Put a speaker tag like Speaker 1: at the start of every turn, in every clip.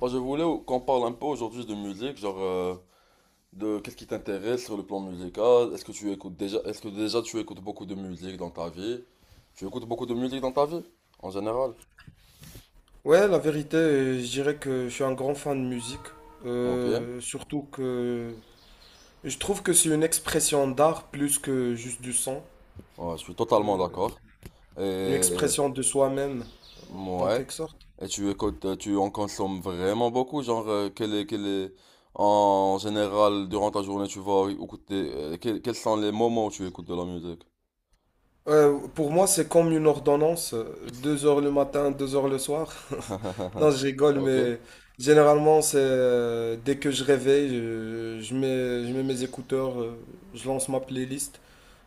Speaker 1: Je voulais qu'on parle un peu aujourd'hui de musique, genre de qu'est-ce qui t'intéresse sur le plan musical. Est-ce que déjà tu écoutes beaucoup de musique dans ta vie? Tu écoutes beaucoup de musique dans ta vie, en général?
Speaker 2: Ouais, la vérité, je dirais que je suis un grand fan de musique.
Speaker 1: Ok.
Speaker 2: Surtout que je trouve que c'est une expression d'art plus que juste du son.
Speaker 1: Ouais, je suis totalement
Speaker 2: Euh,
Speaker 1: d'accord.
Speaker 2: une
Speaker 1: Et
Speaker 2: expression de soi-même, en
Speaker 1: ouais,
Speaker 2: quelque sorte.
Speaker 1: et tu en consommes vraiment beaucoup, genre en général durant ta journée tu vas écouter, quels sont les moments où tu écoutes de la musique?
Speaker 2: Pour moi, c'est comme une ordonnance. 2 heures le matin, 2 heures le soir. Non, je rigole,
Speaker 1: Ok,
Speaker 2: mais généralement, c'est dès que je réveille, je mets mes écouteurs, je lance ma playlist.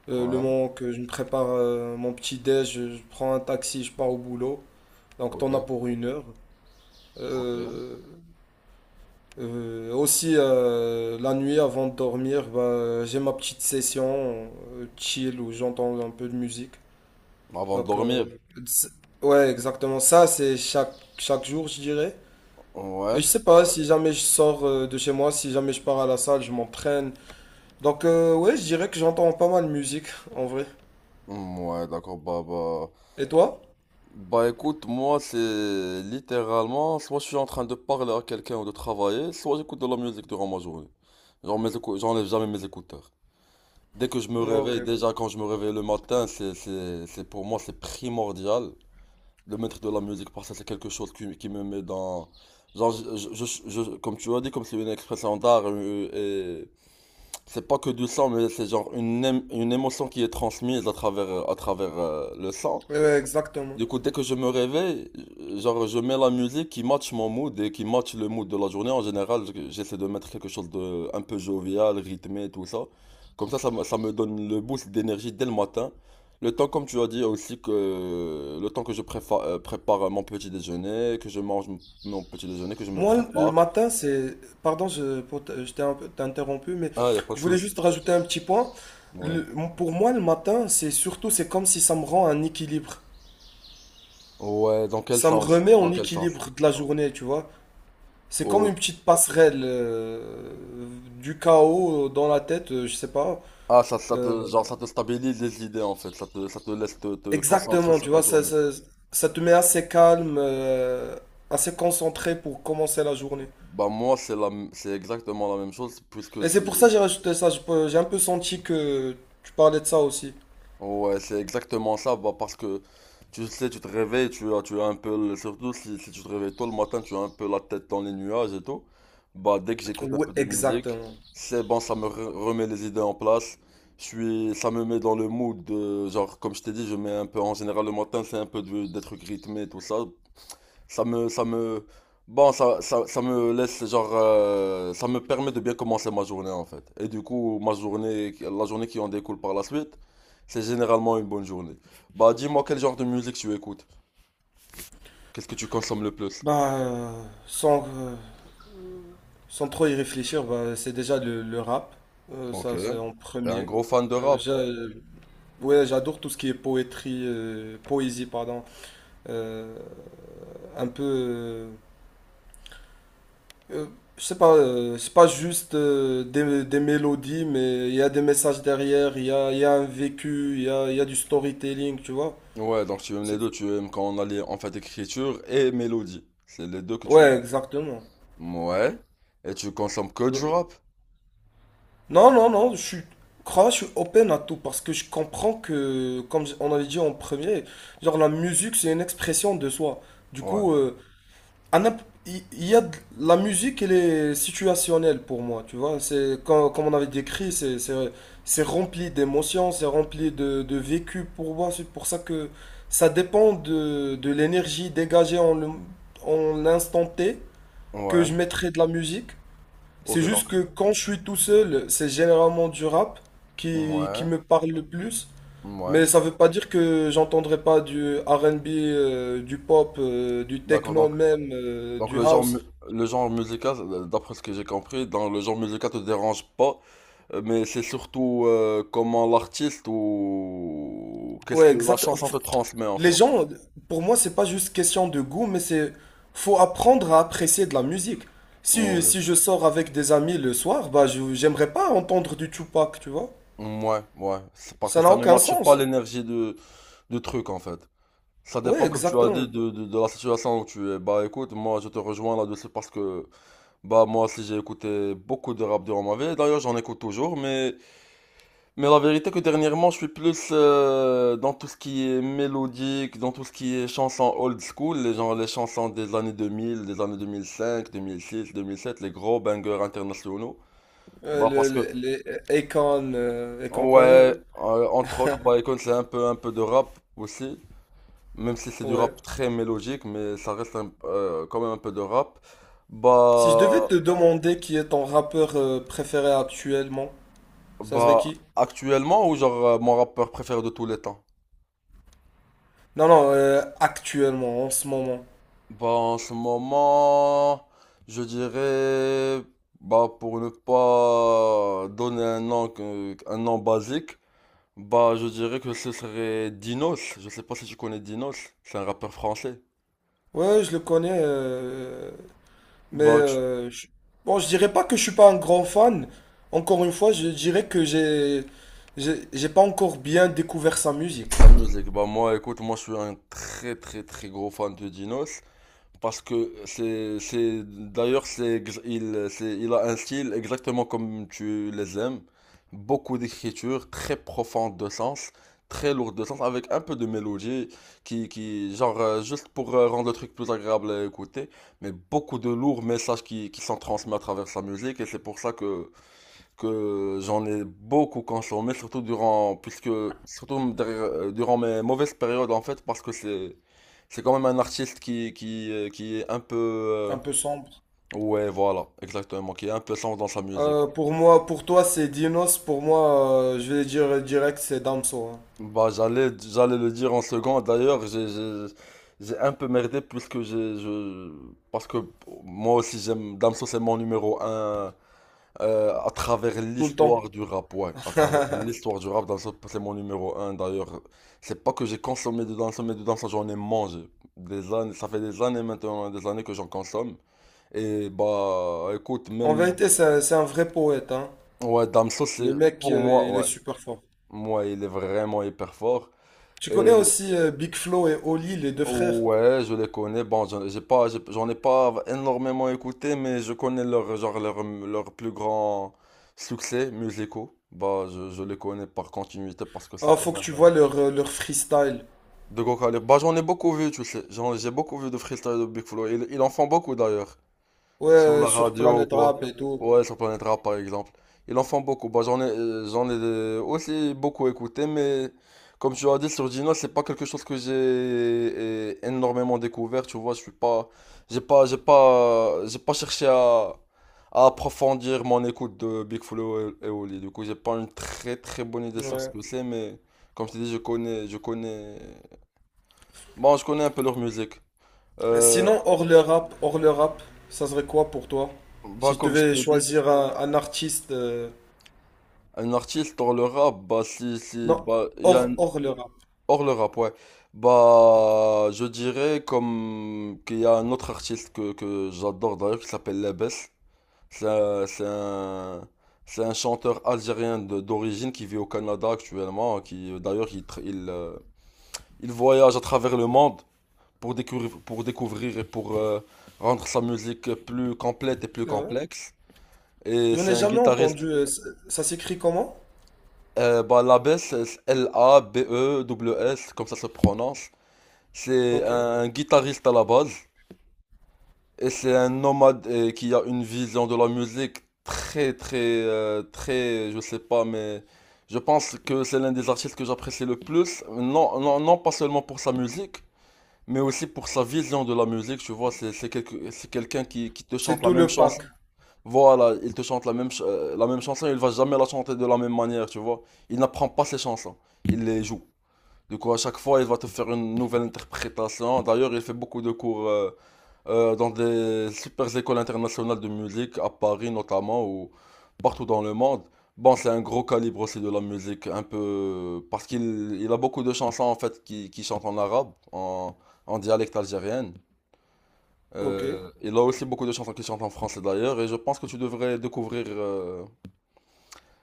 Speaker 2: Le
Speaker 1: ouais,
Speaker 2: moment que je me prépare mon petit déj, je prends un taxi, je pars au boulot. Donc
Speaker 1: ok,
Speaker 2: t'en as pour une heure.
Speaker 1: ok.
Speaker 2: Euh, aussi la nuit avant de dormir, bah, j'ai ma petite session chill où j'entends un peu de musique.
Speaker 1: Avant de
Speaker 2: Donc
Speaker 1: dormir.
Speaker 2: c'est- ouais exactement ça, c'est chaque jour je dirais. Et
Speaker 1: Ouais,
Speaker 2: je sais pas, si jamais je sors de chez moi, si jamais je pars à la salle, je m'entraîne. Donc ouais je dirais que j'entends pas mal de musique en vrai.
Speaker 1: mm, ouais, d'accord, bah, bah,
Speaker 2: Et toi?
Speaker 1: bah, écoute, moi, c'est littéralement, soit je suis en train de parler à quelqu'un ou de travailler, soit j'écoute de la musique durant ma journée. Genre, j'enlève jamais mes écouteurs. Dès que je me
Speaker 2: Ok.
Speaker 1: réveille,
Speaker 2: Ouais,
Speaker 1: déjà quand je me réveille le matin, pour moi, c'est primordial de mettre de la musique parce que c'est quelque chose qui me met dans, genre, comme tu as dit, comme c'est une expression d'art. C'est pas que du sang, mais c'est genre une émotion qui est transmise à travers, le sang.
Speaker 2: ouais, exactement.
Speaker 1: Du coup, dès que je me réveille, genre, je mets la musique qui match mon mood et qui match le mood de la journée. En général, j'essaie de mettre quelque chose de un peu jovial, rythmé, tout ça. Comme ça, ça me donne le boost d'énergie dès le matin. Le temps, comme tu as dit, aussi que le temps que je prépare mon petit déjeuner, que je mange mon petit déjeuner, que je me
Speaker 2: Moi, le
Speaker 1: prépare.
Speaker 2: matin, c'est... Pardon, je t'ai un peu t'ai interrompu, mais
Speaker 1: Ah, y a pas de
Speaker 2: je voulais
Speaker 1: souci.
Speaker 2: juste rajouter un petit point.
Speaker 1: Ouais.
Speaker 2: Le- pour moi, le matin, c'est surtout, c'est comme si ça me rend un équilibre.
Speaker 1: Ouais, dans quel
Speaker 2: Ça me
Speaker 1: sens?
Speaker 2: remet en
Speaker 1: Dans quel sens?
Speaker 2: équilibre de la journée, tu vois. C'est comme une
Speaker 1: Oh.
Speaker 2: petite passerelle du chaos dans la tête, je sais pas.
Speaker 1: Ah, ça, ça
Speaker 2: Euh,
Speaker 1: te, genre, ça te stabilise les idées en fait, ça te laisse te concentrer
Speaker 2: exactement,
Speaker 1: sur
Speaker 2: tu
Speaker 1: ta
Speaker 2: vois,
Speaker 1: journée.
Speaker 2: ça te met assez calme, assez concentré pour commencer la journée.
Speaker 1: Bah moi c'est c'est exactement la même chose puisque
Speaker 2: Et
Speaker 1: c'est,
Speaker 2: c'est pour ça que j'ai rajouté ça. J'ai un peu senti que tu parlais de ça aussi.
Speaker 1: ouais c'est exactement ça, bah parce que tu sais tu te réveilles, tu as un peu, surtout si, si tu te réveilles tôt le matin, tu as un peu la tête dans les nuages et tout. Bah dès que j'écoute un
Speaker 2: Oui,
Speaker 1: peu de musique,
Speaker 2: exactement.
Speaker 1: c'est bon, ça me remet les idées en place. Je suis, ça me met dans le mood de, genre comme je t'ai dit, je mets un peu en général le matin c'est un peu des trucs rythmés tout ça. Ça me, ça me, bon, ça me laisse, genre, ça me permet de bien commencer ma journée, en fait. Et du coup, ma journée, la journée qui en découle par la suite, c'est généralement une bonne journée. Bah, dis-moi quel genre de musique tu écoutes? Qu'est-ce que tu consommes le plus?
Speaker 2: Bah, sans trop y réfléchir, bah, c'est déjà le rap. Euh,
Speaker 1: Ok.
Speaker 2: ça, c'est en
Speaker 1: T'es un
Speaker 2: premier.
Speaker 1: gros fan de
Speaker 2: Euh,
Speaker 1: rap?
Speaker 2: j'a- ouais, j'adore tout ce qui est poétrie, poésie, pardon. Euh, un peu. Euh, je sais pas, c'est pas juste des mélodies, mais il y a des messages derrière, il y a un vécu, il y a du storytelling, tu vois.
Speaker 1: Ouais, donc tu aimes les
Speaker 2: C'est-
Speaker 1: deux, tu aimes quand on a les, en fait, écriture et mélodie. C'est les deux que tu aimes.
Speaker 2: Ouais, exactement.
Speaker 1: Ouais. Et tu consommes que du rap?
Speaker 2: Non, non, non, crois, je suis open à tout parce que je comprends que, comme on avait dit en premier, genre la musique c'est une expression de soi. Du
Speaker 1: Ouais.
Speaker 2: coup, à n'imp- il y a la musique, elle est situationnelle pour moi, tu vois. C'est comme, on avait décrit, c'est rempli d'émotions, c'est rempli de vécu pour moi. C'est pour ça que ça dépend de l'énergie dégagée en l'instant T que
Speaker 1: Ouais.
Speaker 2: je mettrai de la musique. C'est
Speaker 1: Ok, donc.
Speaker 2: juste que quand je suis tout seul, c'est généralement du rap qui
Speaker 1: Ouais.
Speaker 2: me parle le plus.
Speaker 1: Ouais.
Speaker 2: Mais ça veut pas dire que j'entendrai pas du R&B, du pop, du
Speaker 1: D'accord.
Speaker 2: techno
Speaker 1: donc
Speaker 2: même,
Speaker 1: Donc
Speaker 2: du
Speaker 1: le genre,
Speaker 2: house.
Speaker 1: le genre musical, d'après ce que j'ai compris, dans le genre musical te dérange pas, mais c'est surtout comment l'artiste ou qu'est-ce
Speaker 2: Ouais,
Speaker 1: que la
Speaker 2: exact.
Speaker 1: chanson te transmet en
Speaker 2: Les
Speaker 1: fait.
Speaker 2: gens, pour moi, c'est pas juste question de goût, mais c'est faut apprendre à apprécier de la musique.
Speaker 1: Ouais,
Speaker 2: Si je sors avec des amis le soir, bah j'aimerais pas entendre du Tupac, tu vois.
Speaker 1: ouais, ouais. C'est parce que
Speaker 2: Ça n'a
Speaker 1: ça ne
Speaker 2: aucun
Speaker 1: matche pas
Speaker 2: sens.
Speaker 1: l'énergie de, du truc en fait. Ça
Speaker 2: Ouais,
Speaker 1: dépend, comme tu as dit,
Speaker 2: exactement.
Speaker 1: de la situation où tu es. Bah écoute, moi je te rejoins là-dessus parce que, bah moi aussi j'ai écouté beaucoup de rap durant ma vie. D'ailleurs j'en écoute toujours, mais la vérité que dernièrement, je suis plus dans tout ce qui est mélodique, dans tout ce qui est chansons old school, les gens, les chansons des années 2000, des années 2005, 2006, 2007, les gros bangers internationaux. Bah parce
Speaker 2: Le,
Speaker 1: que
Speaker 2: le- les Akon et compagnie.
Speaker 1: ouais, entre autres, bah écoute, c'est un peu de rap aussi, même si c'est du
Speaker 2: Ouais.
Speaker 1: rap très mélodique, mais ça reste quand même un peu de rap.
Speaker 2: Si je devais
Speaker 1: Bah
Speaker 2: te demander qui est ton rappeur préféré actuellement, ça serait
Speaker 1: bah
Speaker 2: qui?
Speaker 1: actuellement ou genre mon rappeur préféré de tous les temps?
Speaker 2: Non, non, actuellement, en ce moment.
Speaker 1: Bah, en ce moment, je dirais, bah, pour ne pas donner un nom, un nom basique, bah, je dirais que ce serait Dinos. Je sais pas si tu connais Dinos. C'est un rappeur français.
Speaker 2: Ouais, je le connais, mais
Speaker 1: Bah,
Speaker 2: bon, je dirais pas que je suis pas un grand fan. Encore une fois, je dirais que j'ai pas encore bien découvert sa musique.
Speaker 1: sa musique. Bah, moi, écoute, moi, je suis un très, très, très gros fan de Dinos. Parce que c'est, d'ailleurs, c'est, ex- il, c'est, il a un style exactement comme tu les aimes. Beaucoup d'écriture, très profonde de sens, très lourde de sens, avec un peu de mélodie, qui genre, juste pour rendre le truc plus agréable à écouter, mais beaucoup de lourds messages qui sont transmis à travers sa musique, et c'est pour ça que j'en ai beaucoup consommé, surtout durant, puisque, surtout durant mes mauvaises périodes en fait, parce que c'est quand même un artiste qui est un peu,
Speaker 2: Un peu sombre.
Speaker 1: ouais, voilà, exactement, qui est un peu sombre dans sa musique.
Speaker 2: Pour moi, pour toi, c'est Dinos. Pour moi, je vais dire direct, c'est Damso, hein.
Speaker 1: Bah, j'allais, j'allais le dire en second, d'ailleurs, j'ai un peu merdé puisque j'ai, je, parce que moi aussi j'aime, Damso c'est mon numéro un. À travers
Speaker 2: Tout le
Speaker 1: l'histoire
Speaker 2: temps.
Speaker 1: du rap, ouais, à travers l'histoire du rap, Danso, c'est mon numéro un d'ailleurs. C'est pas que j'ai consommé de danse, mais de danse, j'en ai mangé. Des années, ça fait des années maintenant, hein, des années que j'en consomme. Et bah, écoute,
Speaker 2: En
Speaker 1: même,
Speaker 2: vérité, c'est un vrai poète, hein.
Speaker 1: ouais, Damso, c'est
Speaker 2: Le mec,
Speaker 1: pour moi,
Speaker 2: il est
Speaker 1: ouais,
Speaker 2: super fort.
Speaker 1: moi, il est vraiment hyper fort.
Speaker 2: Tu connais
Speaker 1: Et
Speaker 2: aussi Big Flo et Oli, les deux frères?
Speaker 1: ouais, je les connais. Bon, j'en ai pas énormément écouté, mais je connais leur, genre, leur plus grand succès musicaux. Bah, je les connais par continuité parce que c'est
Speaker 2: Ah,
Speaker 1: quand
Speaker 2: faut que tu
Speaker 1: même
Speaker 2: vois leur freestyle.
Speaker 1: de gros calibre. Bah, j'en ai beaucoup vu, tu sais. J'ai beaucoup vu de freestyle de Big Flo. Ils en font beaucoup d'ailleurs.
Speaker 2: Ouais,
Speaker 1: Sur la
Speaker 2: sur
Speaker 1: radio ou
Speaker 2: Planet Rap
Speaker 1: quoi?
Speaker 2: et tout.
Speaker 1: Ouais, sur Planète Rap par exemple. Ils en font beaucoup. Bah, j'en ai aussi beaucoup écouté, mais comme tu as dit sur Dino, c'est pas quelque chose que j'ai énormément découvert. Tu vois, je suis pas, j'ai pas, j'ai pas, j'ai pas cherché à approfondir mon écoute de Big Flo et Oli. Du coup, j'ai pas une très très bonne idée sur ce
Speaker 2: Ouais.
Speaker 1: que c'est, mais comme je t'ai dit, je connais, bon, je connais un peu leur musique.
Speaker 2: Et
Speaker 1: Euh,
Speaker 2: sinon, hors le rap, ça serait quoi pour toi?
Speaker 1: Bah,
Speaker 2: Si tu
Speaker 1: comme je
Speaker 2: devais
Speaker 1: t'ai dit.
Speaker 2: choisir un artiste.
Speaker 1: Un artiste hors le rap, bah si, si,
Speaker 2: Non,
Speaker 1: bah, il y a un-
Speaker 2: hors le rap.
Speaker 1: hors le rap, ouais. Bah, je dirais comme qu'il y a un autre artiste que j'adore d'ailleurs qui s'appelle Labès. C'est un, c'est un, c'est un chanteur algérien d'origine qui vit au Canada actuellement, qui d'ailleurs il, il voyage à travers le monde pour découvrir et pour rendre sa musique plus complète et plus
Speaker 2: C'est vrai?
Speaker 1: complexe. Et
Speaker 2: J'en
Speaker 1: c'est
Speaker 2: ai
Speaker 1: un
Speaker 2: jamais
Speaker 1: guitariste.
Speaker 2: entendu. Ça s'écrit comment?
Speaker 1: Bah, l'abbé, c'est Labews, comme ça se prononce. C'est
Speaker 2: Ok.
Speaker 1: un guitariste à la base. Et c'est un nomade qui a une vision de la musique très, très, très, je sais pas, mais je pense que c'est l'un des artistes que j'apprécie le plus. Non, non, non pas seulement pour sa musique, mais aussi pour sa vision de la musique. Tu vois, c'est c'est quelqu'un qui te
Speaker 2: C'est
Speaker 1: chante la
Speaker 2: tout
Speaker 1: même
Speaker 2: le pack.
Speaker 1: chanson. Voilà, il te chante la même, la même chanson, il va jamais la chanter de la même manière, tu vois. Il n'apprend pas ses chansons, il les joue. Du coup, à chaque fois, il va te faire une nouvelle interprétation. D'ailleurs, il fait beaucoup de cours dans des super écoles internationales de musique, à Paris notamment, ou partout dans le monde. Bon, c'est un gros calibre aussi de la musique, un peu. Parce qu'il il a beaucoup de chansons, en fait, qui chantent en arabe, en dialecte algérien.
Speaker 2: Ok.
Speaker 1: Il a aussi beaucoup de chansons qui chantent en français, d'ailleurs, et je pense que tu devrais découvrir.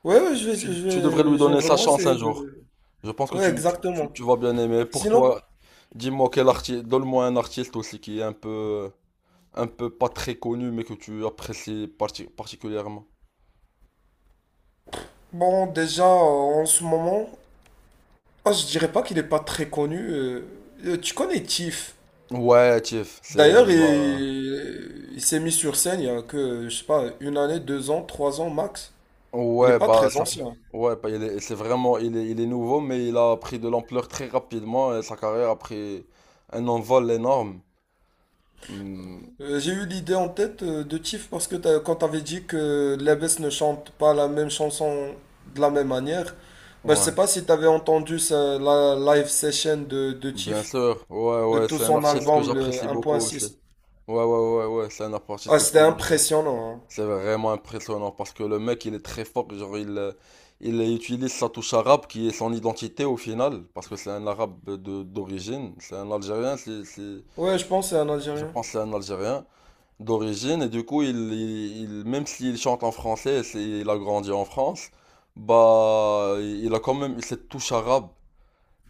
Speaker 2: Ouais, ouais,
Speaker 1: Tu, tu devrais lui
Speaker 2: je vais
Speaker 1: donner sa
Speaker 2: vraiment
Speaker 1: chance un
Speaker 2: essayer
Speaker 1: jour.
Speaker 2: de.
Speaker 1: Je pense que
Speaker 2: Ouais,
Speaker 1: tu,
Speaker 2: exactement.
Speaker 1: tu vas bien aimer. Pour
Speaker 2: Sinon,
Speaker 1: toi, dis-moi quel artiste, donne-moi un artiste aussi qui est un peu pas très connu, mais que tu apprécies particulièrement.
Speaker 2: bon, déjà, en ce moment. Ah, je dirais pas qu'il est pas très connu. Tu connais Tiff.
Speaker 1: Ouais, Tiff, c'est,
Speaker 2: D'ailleurs,
Speaker 1: bah,
Speaker 2: il s'est mis sur scène il y a que, je sais pas, une année, 2 ans, 3 ans max. Il n'est
Speaker 1: ouais,
Speaker 2: pas
Speaker 1: bah,
Speaker 2: très
Speaker 1: ça fait,
Speaker 2: ancien.
Speaker 1: ouais, bah, il est, c'est vraiment, il est nouveau, mais il a pris de l'ampleur très rapidement et sa carrière a pris un envol énorme. Hmm,
Speaker 2: J'ai eu l'idée en tête de Tiff parce que quand t'avais dit que Lebes ne chante pas la même chanson de la même manière, ben, je
Speaker 1: ouais,
Speaker 2: sais pas si t'avais entendu la live session de
Speaker 1: bien
Speaker 2: Tiff,
Speaker 1: sûr, ouais,
Speaker 2: de
Speaker 1: ouais,
Speaker 2: tout
Speaker 1: c'est un
Speaker 2: son
Speaker 1: artiste que
Speaker 2: album, le
Speaker 1: j'apprécie beaucoup aussi. Ouais,
Speaker 2: 1.6.
Speaker 1: ouais, ouais, ouais, c'est un artiste
Speaker 2: Ah,
Speaker 1: comme je
Speaker 2: c'était
Speaker 1: t'ai dit.
Speaker 2: impressionnant, hein.
Speaker 1: C'est vraiment impressionnant parce que le mec, il est très fort. Genre, il utilise sa touche arabe qui est son identité au final. Parce que c'est un arabe de, d'origine. C'est un Algérien. C'est,
Speaker 2: Ouais, je pense que c'est un
Speaker 1: je
Speaker 2: Algérien.
Speaker 1: pense que c'est un Algérien d'origine. Et du coup, il, même s'il chante en français, c'est, il a grandi en France, bah, il a quand même cette touche arabe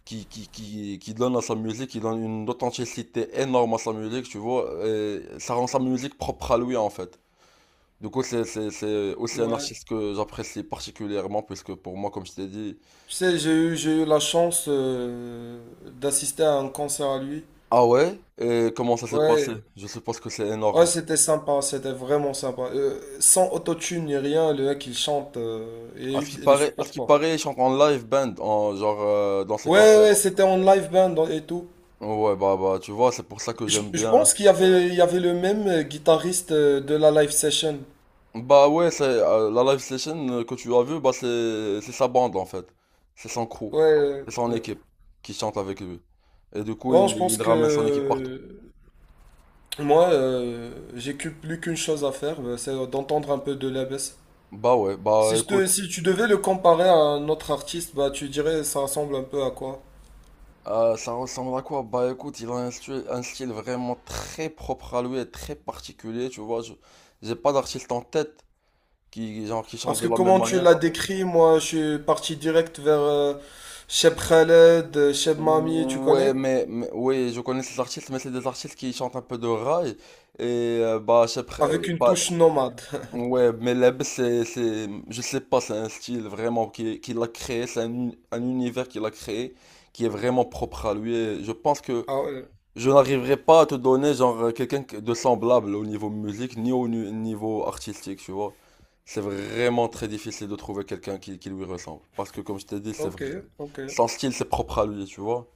Speaker 1: qui donne à sa musique, qui donne une authenticité énorme à sa musique, tu vois. Et ça rend sa musique propre à lui en fait. Du coup, c'est c'est aussi un
Speaker 2: Ouais.
Speaker 1: artiste que j'apprécie particulièrement, puisque pour moi, comme je t'ai dit,
Speaker 2: Tu sais, j'ai eu la chance d'assister à un concert à lui.
Speaker 1: ah ouais, et comment ça s'est passé?
Speaker 2: Ouais,
Speaker 1: Je suppose que c'est
Speaker 2: ouais,
Speaker 1: énorme.
Speaker 2: c'était sympa, c'était vraiment sympa. Sans autotune ni rien, le mec il chante, et
Speaker 1: À ce qui
Speaker 2: il est
Speaker 1: paraît, à ce
Speaker 2: super
Speaker 1: qui
Speaker 2: fort.
Speaker 1: paraît, il chante en live band, en, genre dans ses
Speaker 2: Ouais,
Speaker 1: concerts.
Speaker 2: ouais, c'était en live band et tout.
Speaker 1: Ouais, bah, bah, tu vois, c'est pour ça que j'aime
Speaker 2: Je
Speaker 1: bien.
Speaker 2: pense il y avait le même guitariste de la live session.
Speaker 1: Bah ouais, c'est la live session que tu as vue, bah c'est sa bande en fait. C'est son crew,
Speaker 2: Ouais,
Speaker 1: c'est son
Speaker 2: ouais.
Speaker 1: équipe qui chante avec lui. Et du coup,
Speaker 2: Bon, je pense
Speaker 1: il ramène son équipe partout.
Speaker 2: que moi, plus qu'une chose à faire, c'est d'entendre un peu de la baisse.
Speaker 1: Bah ouais, bah
Speaker 2: Si, je te,
Speaker 1: écoute.
Speaker 2: Si tu devais le comparer à un autre artiste, bah, tu dirais ça ressemble un peu à quoi?
Speaker 1: Ça ressemble à quoi? Bah écoute, il a un style vraiment très propre à lui et très particulier, tu vois. Je, j'ai pas d'artiste en tête qui, genre, qui chante
Speaker 2: Parce
Speaker 1: de
Speaker 2: que
Speaker 1: la même
Speaker 2: comment tu
Speaker 1: manière.
Speaker 2: l'as décrit, moi je suis parti direct vers Cheb Khaled, Cheb Mami, tu
Speaker 1: Ouais,
Speaker 2: connais?
Speaker 1: mais oui, je connais ces artistes, mais c'est des artistes qui chantent un peu de rail. Et bah, je sais
Speaker 2: Avec une
Speaker 1: bah,
Speaker 2: touche nomade.
Speaker 1: ouais, mais Leb, c'est, je sais pas, c'est un style vraiment qu'il a créé, c'est un univers qu'il a créé qui est vraiment propre à lui. Et je pense que
Speaker 2: Ah ouais,
Speaker 1: Je n'arriverai pas à te donner genre quelqu'un de semblable au niveau musique ni au niveau artistique, tu vois. C'est vraiment très difficile de trouver quelqu'un qui lui ressemble. Parce que comme je t'ai dit, c'est
Speaker 2: ok,
Speaker 1: vrai.
Speaker 2: ok.
Speaker 1: Son style, c'est propre à lui, tu vois.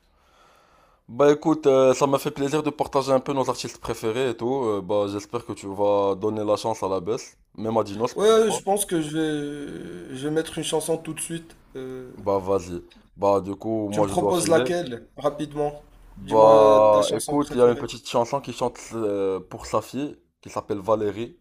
Speaker 1: Bah écoute, ça m'a fait plaisir de partager un peu nos artistes préférés et tout. Bah j'espère que tu vas donner la chance à la baisse. Même à Dinos, pourquoi
Speaker 2: Ouais, je
Speaker 1: pas.
Speaker 2: pense que je vais mettre une chanson tout de suite. Euh,
Speaker 1: Bah vas-y. Bah du coup,
Speaker 2: tu
Speaker 1: moi
Speaker 2: me
Speaker 1: je dois
Speaker 2: proposes
Speaker 1: filer.
Speaker 2: laquelle, rapidement? Dis-moi ta
Speaker 1: Bah
Speaker 2: chanson
Speaker 1: écoute, il y a une
Speaker 2: préférée.
Speaker 1: petite chanson qui chante pour sa fille, qui s'appelle Valérie.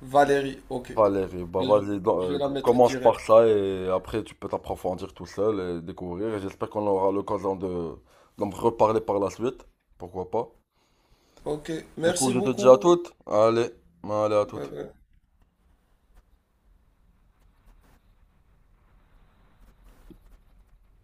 Speaker 2: Valérie, ok.
Speaker 1: Valérie, bah
Speaker 2: Ben,
Speaker 1: vas-y, donc,
Speaker 2: je vais la mettre
Speaker 1: commence par
Speaker 2: direct.
Speaker 1: ça et après tu peux t'approfondir tout seul et découvrir. Et j'espère qu'on aura l'occasion de d'en reparler par la suite. Pourquoi pas?
Speaker 2: Ok,
Speaker 1: Du coup,
Speaker 2: merci
Speaker 1: je te dis à
Speaker 2: beaucoup.
Speaker 1: toutes. Allez, allez à
Speaker 2: Bye
Speaker 1: toutes.
Speaker 2: bye.